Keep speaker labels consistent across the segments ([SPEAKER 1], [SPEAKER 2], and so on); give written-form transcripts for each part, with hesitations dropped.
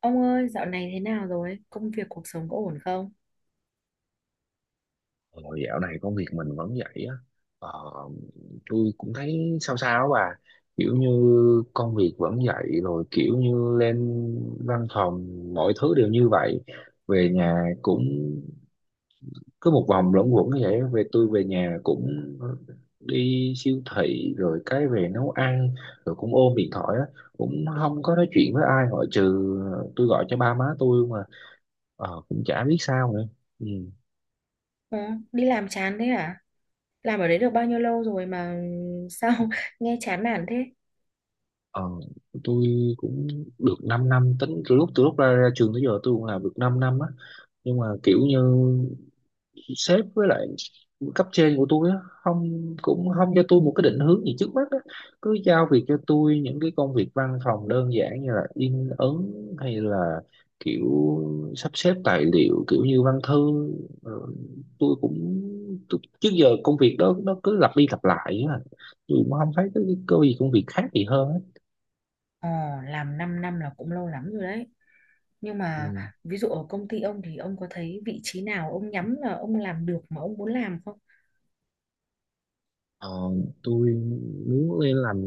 [SPEAKER 1] Ông ơi, dạo này thế nào rồi? Công việc cuộc sống có ổn không?
[SPEAKER 2] Ờ, Dạo này công việc mình vẫn vậy á. ờ, tôi cũng thấy sao sao á bà, kiểu như công việc vẫn vậy, rồi kiểu như lên văn phòng mọi thứ đều như vậy. Về nhà cũng cứ một vòng luẩn quẩn như vậy. Tôi về nhà cũng đi siêu thị rồi cái về nấu ăn, rồi cũng ôm điện thoại á, cũng không có nói chuyện với ai ngoại trừ tôi gọi cho ba má tôi mà. Cũng chả biết sao nữa. Ừ.
[SPEAKER 1] Ờ, Đi làm chán thế à? Làm ở đấy được bao nhiêu lâu rồi mà sao nghe chán nản thế?
[SPEAKER 2] Ờ, tôi cũng được 5 năm năm, tính từ lúc ra trường tới giờ tôi cũng làm được 5 năm á. Nhưng mà kiểu như sếp với lại cấp trên của tôi á, không cũng không cho tôi một cái định hướng gì trước mắt á, cứ giao việc cho tôi những cái công việc văn phòng đơn giản như là in ấn, hay là kiểu sắp xếp tài liệu kiểu như văn thư. Rồi tôi cũng trước giờ công việc đó nó cứ lặp đi lặp lại á, tôi cũng không thấy cái gì công việc khác gì hơn á.
[SPEAKER 1] Ờ, làm 5 năm là cũng lâu lắm rồi đấy. Nhưng mà
[SPEAKER 2] Ừ.
[SPEAKER 1] ví dụ ở công ty ông thì ông có thấy vị trí nào ông nhắm là ông làm được mà ông muốn làm không?
[SPEAKER 2] Ờ, tôi muốn lên làm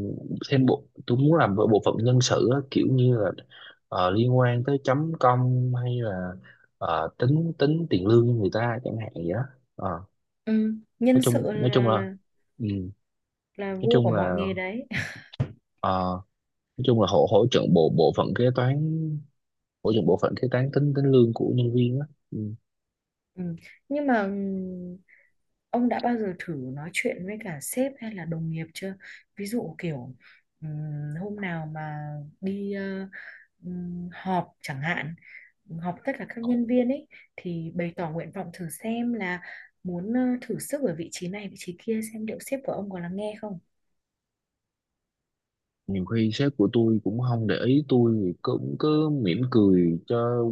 [SPEAKER 2] thêm bộ tôi muốn làm bộ bộ phận nhân sự á, kiểu như là liên quan tới chấm công, hay là tính tính tiền lương cho người ta chẳng hạn vậy đó. Ờ,
[SPEAKER 1] Ừ, nhân
[SPEAKER 2] nói chung
[SPEAKER 1] sự
[SPEAKER 2] nói chung là ừ,
[SPEAKER 1] là
[SPEAKER 2] nói
[SPEAKER 1] vua của
[SPEAKER 2] chung là
[SPEAKER 1] mọi nghề đấy.
[SPEAKER 2] ờ, nói chung là hỗ hỗ trợ bộ bộ phận kế toán, hỗ trợ bộ phận kế toán tính tính lương của nhân viên á.
[SPEAKER 1] Ừ. Nhưng mà ông đã bao giờ thử nói chuyện với cả sếp hay là đồng nghiệp chưa? Ví dụ kiểu ừm, hôm nào mà đi họp chẳng hạn, họp tất cả các
[SPEAKER 2] Ừ.
[SPEAKER 1] nhân viên ấy thì bày tỏ nguyện vọng thử xem là muốn thử sức ở vị trí này vị trí kia xem liệu sếp của ông có lắng nghe không?
[SPEAKER 2] Nhiều khi sếp của tôi cũng không để ý, tôi thì cũng cứ mỉm cười cho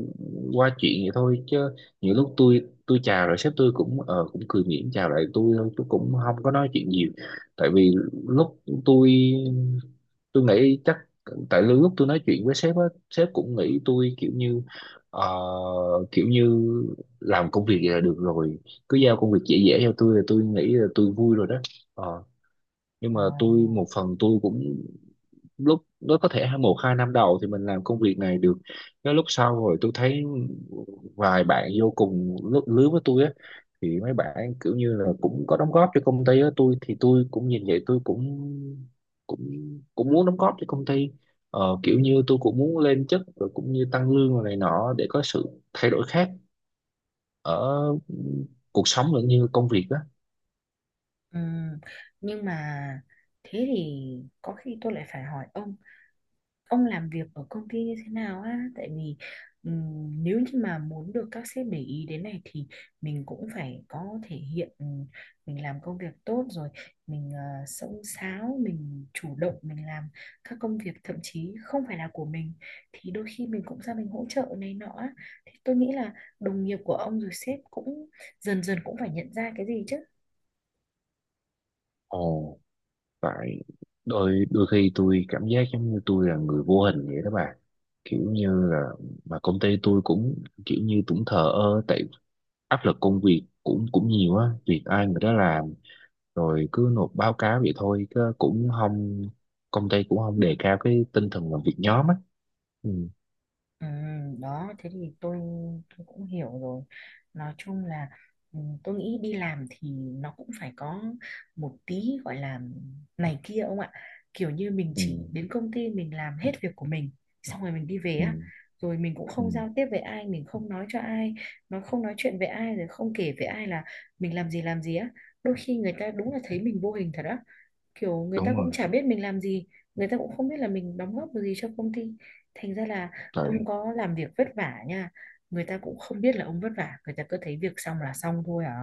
[SPEAKER 2] qua chuyện vậy thôi. Chứ nhiều lúc tôi chào rồi sếp tôi cũng cũng cười mỉm chào lại tôi thôi, chứ cũng không có nói chuyện nhiều. Tại vì lúc tôi nghĩ chắc tại lúc tôi nói chuyện với sếp á, sếp cũng nghĩ tôi kiểu như, ờ, kiểu như làm công việc vậy là được rồi, cứ giao công việc dễ dễ cho tôi là tôi nghĩ là tôi vui rồi đó. Ờ, nhưng mà
[SPEAKER 1] Ồ,
[SPEAKER 2] tôi một phần tôi cũng lúc nó có thể một hai năm đầu thì mình làm công việc này được, cái lúc sau rồi tôi thấy vài bạn vô cùng lứa với tôi á, thì mấy bạn kiểu như là cũng có đóng góp cho công ty á. Tôi thì tôi cũng nhìn vậy, tôi cũng cũng cũng muốn đóng góp cho công ty. Kiểu như tôi cũng muốn lên chức, rồi cũng như tăng lương rồi này nọ, để có sự thay đổi khác ở cuộc sống lẫn như công việc á.
[SPEAKER 1] ừm, nhưng mà thế thì có khi tôi lại phải hỏi ông làm việc ở công ty như thế nào á, tại vì nếu như mà muốn được các sếp để ý đến này thì mình cũng phải có thể hiện, mình làm công việc tốt rồi, mình xông xáo, mình chủ động mình làm các công việc thậm chí không phải là của mình thì đôi khi mình cũng ra mình hỗ trợ này nọ á. Thì tôi nghĩ là đồng nghiệp của ông rồi sếp cũng dần dần cũng phải nhận ra cái gì chứ.
[SPEAKER 2] Ồ. Tại đôi đôi khi tôi cảm giác giống như tôi là người vô hình vậy đó bà, kiểu như là, mà công ty tôi cũng kiểu như cũng thờ ơ. Tại áp lực công việc cũng cũng nhiều á, việc ai người đó làm, rồi cứ nộp báo cáo vậy thôi, chứ cũng không, công ty cũng không đề cao cái tinh thần làm việc nhóm á. Ừ.
[SPEAKER 1] Ừ, đó thế thì tôi cũng hiểu rồi, nói chung là ừ, tôi nghĩ đi làm thì nó cũng phải có một tí gọi là này kia ông ạ, kiểu như mình
[SPEAKER 2] Ừ.
[SPEAKER 1] chỉ đến công ty mình làm hết việc của mình, xong rồi mình đi về
[SPEAKER 2] Ừ.
[SPEAKER 1] á, rồi mình cũng
[SPEAKER 2] Ừ.
[SPEAKER 1] không giao tiếp với ai, mình không nói cho ai, nó không nói chuyện với ai rồi không kể với ai là mình làm gì á, đôi khi người ta đúng là thấy mình vô hình thật á, kiểu người ta
[SPEAKER 2] Đúng
[SPEAKER 1] cũng
[SPEAKER 2] rồi.
[SPEAKER 1] chả biết mình làm gì, người ta cũng không biết là mình đóng góp được gì cho công ty, thành ra là ông
[SPEAKER 2] Tại.
[SPEAKER 1] có làm việc vất vả nha, người ta cũng không biết là ông vất vả, người ta cứ thấy việc xong là xong thôi à.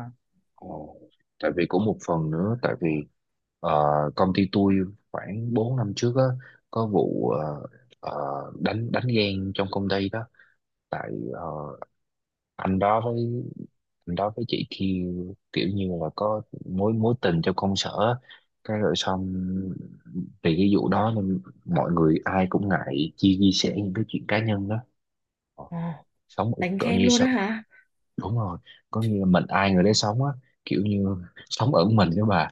[SPEAKER 2] Ồ. Tại vì cũng một phần nữa, tại vì ờ, công ty tôi khoảng 4 năm trước á có vụ ờ, đánh đánh ghen trong công ty đó. Tại anh đó với anh đó với chị kia, kiểu như là có mối mối tình trong công sở á. Cái rồi xong vì cái vụ đó nên mọi người ai cũng ngại chia chia sẻ những cái chuyện cá nhân đó. Ờ,
[SPEAKER 1] Ồ,
[SPEAKER 2] sống ở
[SPEAKER 1] đánh
[SPEAKER 2] cỡ
[SPEAKER 1] ghen
[SPEAKER 2] như
[SPEAKER 1] luôn á
[SPEAKER 2] sao.
[SPEAKER 1] hả
[SPEAKER 2] Đúng rồi, có nghĩa là mình ai người đấy sống á, kiểu như sống ở mình đó bà.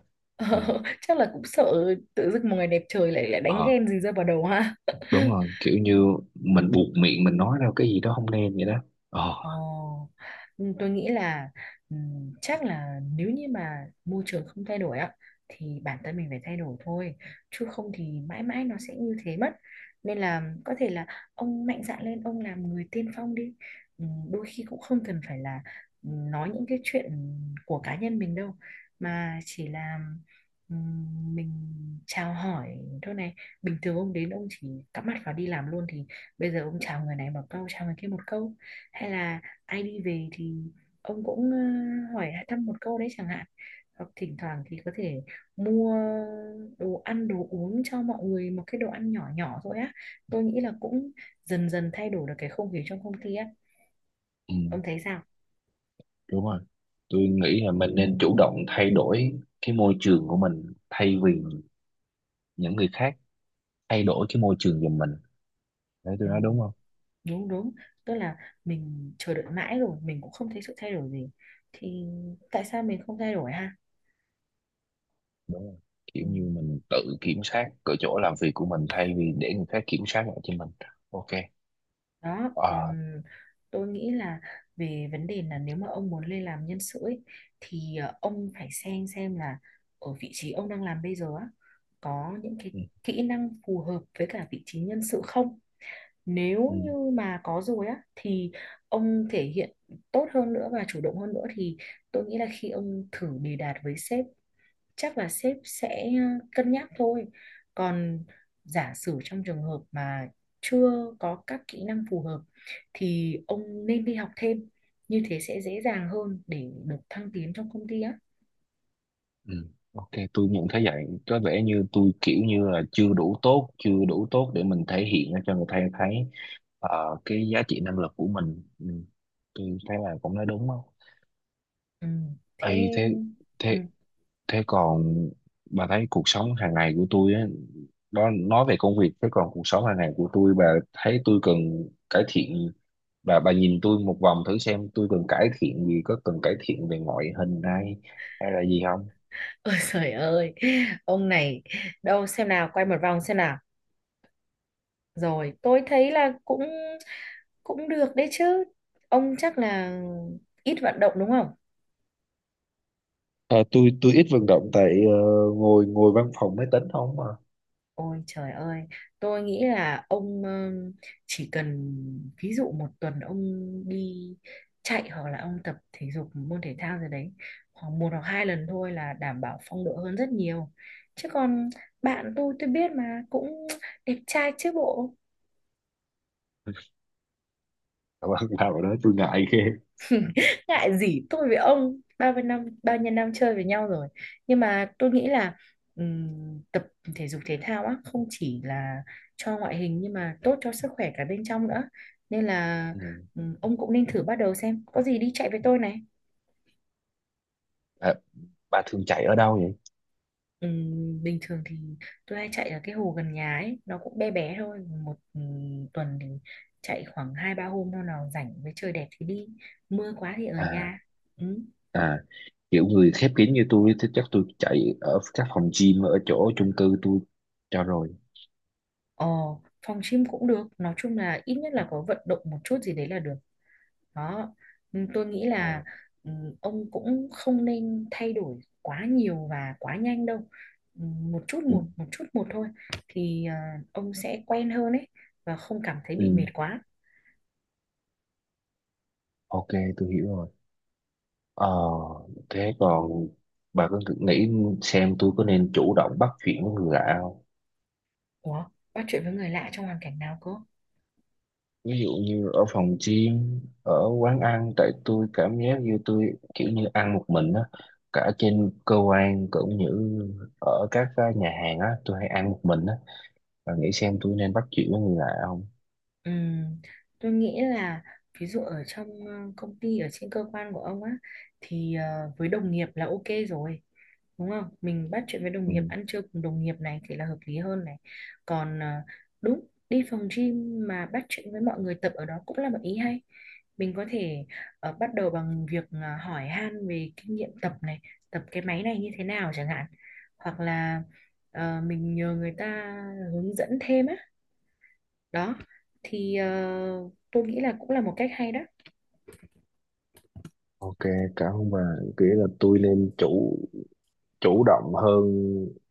[SPEAKER 2] Ừ.
[SPEAKER 1] Ờ, chắc là cũng sợ tự dưng một ngày đẹp trời lại lại đánh
[SPEAKER 2] ờ
[SPEAKER 1] ghen gì rơi vào đầu ha
[SPEAKER 2] Đúng rồi, kiểu như mình buộc miệng mình nói ra cái gì đó không nên vậy đó. ờ
[SPEAKER 1] Ồ, ừ, tôi nghĩ là chắc là nếu như mà môi trường không thay đổi á thì bản thân mình phải thay đổi thôi, chứ không thì mãi mãi nó sẽ như thế mất, nên là có thể là ông mạnh dạn lên ông làm người tiên phong đi. Đôi khi cũng không cần phải là nói những cái chuyện của cá nhân mình đâu, mà chỉ là mình chào hỏi thôi này, bình thường ông đến ông chỉ cắm mặt vào đi làm luôn, thì bây giờ ông chào người này một câu chào người kia một câu, hay là ai đi về thì ông cũng hỏi thăm một câu đấy chẳng hạn, hoặc thỉnh thoảng thì có thể mua đồ ăn đồ uống cho mọi người, một cái đồ ăn nhỏ nhỏ thôi á, tôi nghĩ là cũng dần dần thay đổi được cái không khí trong công ty á.
[SPEAKER 2] ừ.
[SPEAKER 1] Ông thấy sao?
[SPEAKER 2] Đúng rồi, tôi nghĩ là mình nên chủ động thay đổi cái môi trường của mình, thay vì những người khác thay đổi cái môi trường giùm mình. Đấy, tôi
[SPEAKER 1] Ừ,
[SPEAKER 2] nói đúng không?
[SPEAKER 1] đúng đúng, tức là mình chờ đợi mãi rồi mình cũng không thấy sự thay đổi gì, thì tại sao mình không thay đổi ha.
[SPEAKER 2] Đúng rồi, kiểu
[SPEAKER 1] Ừ.
[SPEAKER 2] như mình tự kiểm soát cái chỗ làm việc của mình thay vì để người khác kiểm soát lại cho mình. Ok.
[SPEAKER 1] Đó
[SPEAKER 2] ờ
[SPEAKER 1] còn tôi nghĩ là về vấn đề là nếu mà ông muốn lên làm nhân sự ấy, thì ông phải xem là ở vị trí ông đang làm bây giờ á, có những cái
[SPEAKER 2] ừ.
[SPEAKER 1] kỹ năng phù hợp với cả vị trí nhân sự không, nếu
[SPEAKER 2] Ừ.
[SPEAKER 1] như mà có rồi á thì ông thể hiện tốt hơn nữa và chủ động hơn nữa, thì tôi nghĩ là khi ông thử đề đạt với sếp, chắc là sếp sẽ cân nhắc thôi. Còn giả sử trong trường hợp mà chưa có các kỹ năng phù hợp thì ông nên đi học thêm. Như thế sẽ dễ dàng hơn để được thăng tiến trong công ty á.
[SPEAKER 2] Ừ. Ok, tôi nhận thấy vậy. Có vẻ như tôi kiểu như là chưa đủ tốt, chưa đủ tốt để mình thể hiện ra cho người ta thấy cái giá trị năng lực của mình. Ừ. Tôi thấy là cũng nói đúng không?
[SPEAKER 1] Ừ, thế
[SPEAKER 2] Ê, thế
[SPEAKER 1] ừ.
[SPEAKER 2] thế thế còn bà thấy cuộc sống hàng ngày của tôi á, đó, nói về công việc, thế còn cuộc sống hàng ngày của tôi, bà thấy tôi cần cải thiện. Bà nhìn tôi một vòng thử xem tôi cần cải thiện gì, có cần cải thiện về ngoại hình hay hay là gì.
[SPEAKER 1] Ôi trời ơi, ông này, đâu xem nào, quay một vòng xem nào. Rồi, tôi thấy là cũng cũng được đấy chứ. Ông chắc là ít vận động đúng không?
[SPEAKER 2] À, tôi ít vận động tại ngồi ngồi văn phòng máy tính không à.
[SPEAKER 1] Ôi trời ơi, tôi nghĩ là ông chỉ cần ví dụ một tuần ông đi chạy hoặc là ông tập thể dục môn thể thao gì đấy khoảng một hoặc hai lần thôi là đảm bảo phong độ hơn rất nhiều. Chứ còn bạn tôi biết mà cũng đẹp trai chứ bộ.
[SPEAKER 2] Mà bạn nào đó tôi ngại ghê.
[SPEAKER 1] Ngại gì, tôi với ông bao nhiêu năm chơi với nhau rồi, nhưng mà tôi nghĩ là tập thể dục thể thao á không chỉ là cho ngoại hình nhưng mà tốt cho sức khỏe cả bên trong nữa, nên là
[SPEAKER 2] Ừ.
[SPEAKER 1] ông cũng nên thử bắt đầu xem, có gì đi chạy với tôi này.
[SPEAKER 2] À, bà thường chạy ở đâu vậy?
[SPEAKER 1] Bình thường thì tôi hay chạy ở cái hồ gần nhà ấy, nó cũng bé bé thôi, một tuần thì chạy khoảng hai ba hôm, hôm nào rảnh với trời đẹp thì đi, mưa quá thì ở
[SPEAKER 2] à
[SPEAKER 1] nhà. Ừ.
[SPEAKER 2] à kiểu người khép kín như tôi thì chắc tôi chạy ở các phòng gym ở chỗ chung cư tôi cho rồi.
[SPEAKER 1] Ờ, phòng gym cũng được, nói chung là ít nhất là có vận động một chút gì đấy là được. Đó. Ừ, tôi nghĩ là
[SPEAKER 2] Ồ.
[SPEAKER 1] ừ, ông cũng không nên thay đổi quá nhiều và quá nhanh đâu. Ừ, một chút
[SPEAKER 2] Ừ.
[SPEAKER 1] một một chút một thôi, thì à, ông sẽ quen hơn ấy và không cảm thấy bị mệt
[SPEAKER 2] Ừ.
[SPEAKER 1] quá.
[SPEAKER 2] Ok, tôi hiểu rồi. ờ Thế còn bà có nghĩ xem tôi có nên chủ động bắt chuyện với người lạ không?
[SPEAKER 1] Ủa, bắt chuyện với người lạ trong hoàn cảnh nào cơ?
[SPEAKER 2] Ví dụ như ở phòng gym, ở quán ăn, tại tôi cảm giác như tôi kiểu như ăn một mình á, cả trên cơ quan cũng như ở các nhà hàng á tôi hay ăn một mình á, và nghĩ xem tôi nên bắt chuyện với người lạ không.
[SPEAKER 1] Ừm, tôi nghĩ là ví dụ ở trong công ty ở trên cơ quan của ông á, thì với đồng nghiệp là ok rồi, đúng không, mình bắt chuyện với đồng
[SPEAKER 2] Ừ.
[SPEAKER 1] nghiệp, ăn trưa cùng đồng nghiệp này thì là hợp lý hơn này. Còn à, đúng đi phòng gym mà bắt chuyện với mọi người tập ở đó cũng là một ý hay, mình có thể bắt đầu bằng việc à, hỏi han về kinh nghiệm tập này, tập cái máy này như thế nào chẳng hạn, hoặc là mình nhờ người ta hướng dẫn thêm á, đó thì tôi nghĩ là cũng là một cách hay đó.
[SPEAKER 2] Ok, cảm ơn bà. Nghĩa là tôi nên chủ chủ động hơn,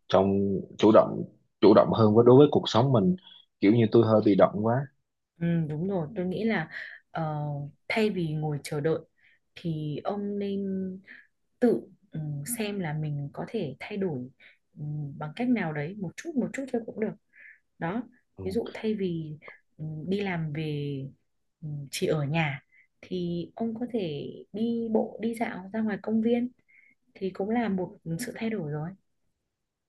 [SPEAKER 2] trong chủ động hơn đối với cuộc sống mình. Kiểu như tôi hơi bị động quá.
[SPEAKER 1] Ừ, đúng rồi, tôi nghĩ là ờ, thay vì ngồi chờ đợi thì ông nên tự ừ, xem là mình có thể thay đổi ừ, bằng cách nào đấy, một chút thôi cũng được. Đó, ví dụ
[SPEAKER 2] Ừ.
[SPEAKER 1] thay vì ừ, đi làm về ừ, chỉ ở nhà, thì ông có thể đi bộ đi dạo ra ngoài công viên, thì cũng là một sự thay đổi rồi.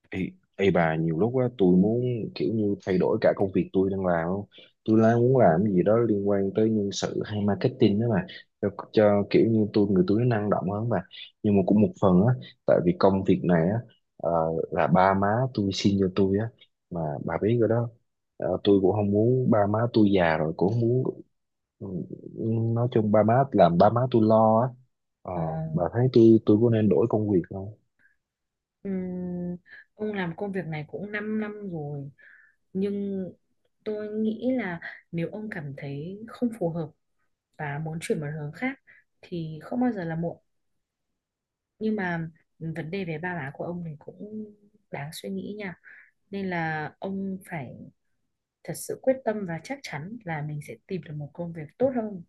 [SPEAKER 2] Ê, ê, bà nhiều lúc á tôi muốn kiểu như thay đổi cả công việc tôi đang làm không? Tôi đang muốn làm cái gì đó liên quan tới nhân sự hay marketing đó mà, cho kiểu như tôi người tôi nó năng động hơn mà. Nhưng mà cũng một phần á, tại vì công việc này á ờ, là ba má tôi xin cho tôi á, mà bà biết rồi đó. Tôi cũng không muốn ba má tôi già rồi cũng không muốn, ừ, nói chung ba má làm ba má tôi lo á. Ờ,
[SPEAKER 1] Ờ.
[SPEAKER 2] bà thấy tôi có nên đổi công việc không?
[SPEAKER 1] Ừm, ông làm công việc này cũng 5 năm rồi, nhưng tôi nghĩ là nếu ông cảm thấy không phù hợp và muốn chuyển một hướng khác thì không bao giờ là muộn, nhưng mà vấn đề về ba má của ông thì cũng đáng suy nghĩ nha, nên là ông phải thật sự quyết tâm và chắc chắn là mình sẽ tìm được một công việc tốt hơn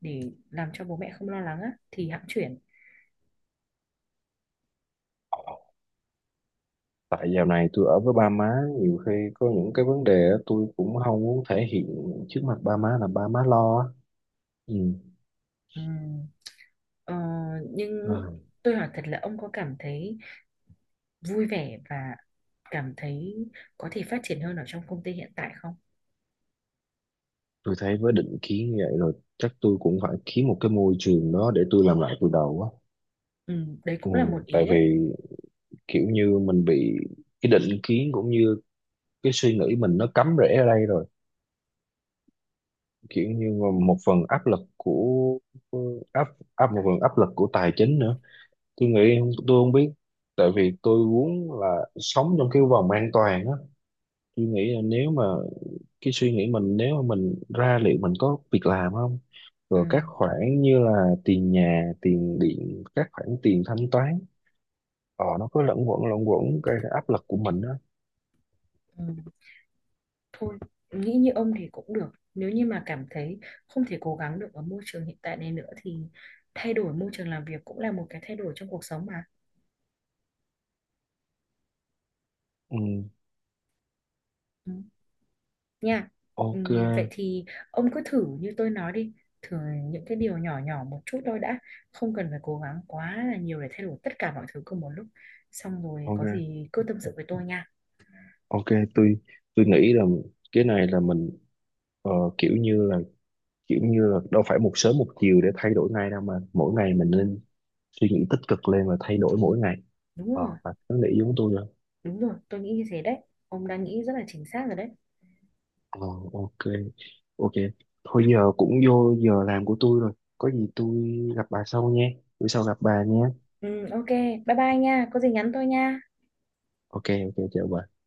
[SPEAKER 1] để làm cho bố mẹ không lo lắng á thì hẵng chuyển.
[SPEAKER 2] Tại dạo này tôi ở với ba má nhiều khi có những cái vấn đề á, tôi cũng không muốn thể hiện trước mặt ba má là ba má lo á. Ừ.
[SPEAKER 1] Ừm, ờ, nhưng
[SPEAKER 2] À,
[SPEAKER 1] tôi hỏi thật là ông có cảm thấy vui vẻ và cảm thấy có thể phát triển hơn ở trong công ty hiện tại không?
[SPEAKER 2] tôi thấy với định kiến như vậy rồi, chắc tôi cũng phải kiếm một cái môi trường đó để tôi làm lại từ đầu á.
[SPEAKER 1] Ừ, đấy
[SPEAKER 2] Ừ.
[SPEAKER 1] cũng là một
[SPEAKER 2] Tại
[SPEAKER 1] ý
[SPEAKER 2] vì
[SPEAKER 1] đấy.
[SPEAKER 2] kiểu như mình bị cái định kiến cũng như cái suy nghĩ mình nó cắm rễ ở đây rồi, kiểu như mà một phần áp lực của áp áp một phần áp lực của tài chính nữa. Tôi nghĩ tôi không biết. Tại vì tôi muốn là sống trong cái vòng an toàn á, tôi nghĩ là nếu mà cái suy nghĩ mình, nếu mà mình ra liệu mình có việc làm không,
[SPEAKER 1] Ừ,
[SPEAKER 2] rồi các khoản như là tiền nhà tiền điện, các khoản tiền thanh toán, nó cứ lẫn quẩn gây ra áp lực của mình á.
[SPEAKER 1] ừ, thôi, nghĩ như ông thì cũng được. Nếu như mà cảm thấy không thể cố gắng được ở môi trường hiện tại này nữa thì thay đổi môi trường làm việc cũng là một cái thay đổi trong cuộc sống mà.
[SPEAKER 2] Ừ.
[SPEAKER 1] Ừ. Nha.
[SPEAKER 2] Ok.
[SPEAKER 1] Vậy thì ông cứ thử như tôi nói đi, thử những cái điều nhỏ nhỏ một chút thôi đã, không cần phải cố gắng quá là nhiều để thay đổi tất cả mọi thứ cùng một lúc. Xong rồi có
[SPEAKER 2] Ok.
[SPEAKER 1] gì cứ tâm sự với tôi nha.
[SPEAKER 2] Ok. Tôi nghĩ là cái này là mình ờ, kiểu như là đâu phải một sớm một chiều để thay đổi ngay đâu, mà mỗi ngày mình nên suy nghĩ tích cực lên và thay đổi mỗi ngày.
[SPEAKER 1] Đúng rồi,
[SPEAKER 2] Và nó nghĩ giống tôi rồi.
[SPEAKER 1] đúng rồi, tôi nghĩ như thế đấy. Ông đang nghĩ rất là chính xác rồi đấy.
[SPEAKER 2] ờ ok. Ok. Thôi giờ cũng vô giờ làm của tôi rồi, có gì tôi gặp bà sau nha, bữa sau gặp bà nha.
[SPEAKER 1] Ok, bye bye nha, có gì nhắn tôi nha.
[SPEAKER 2] Ok. Ok, chào bà.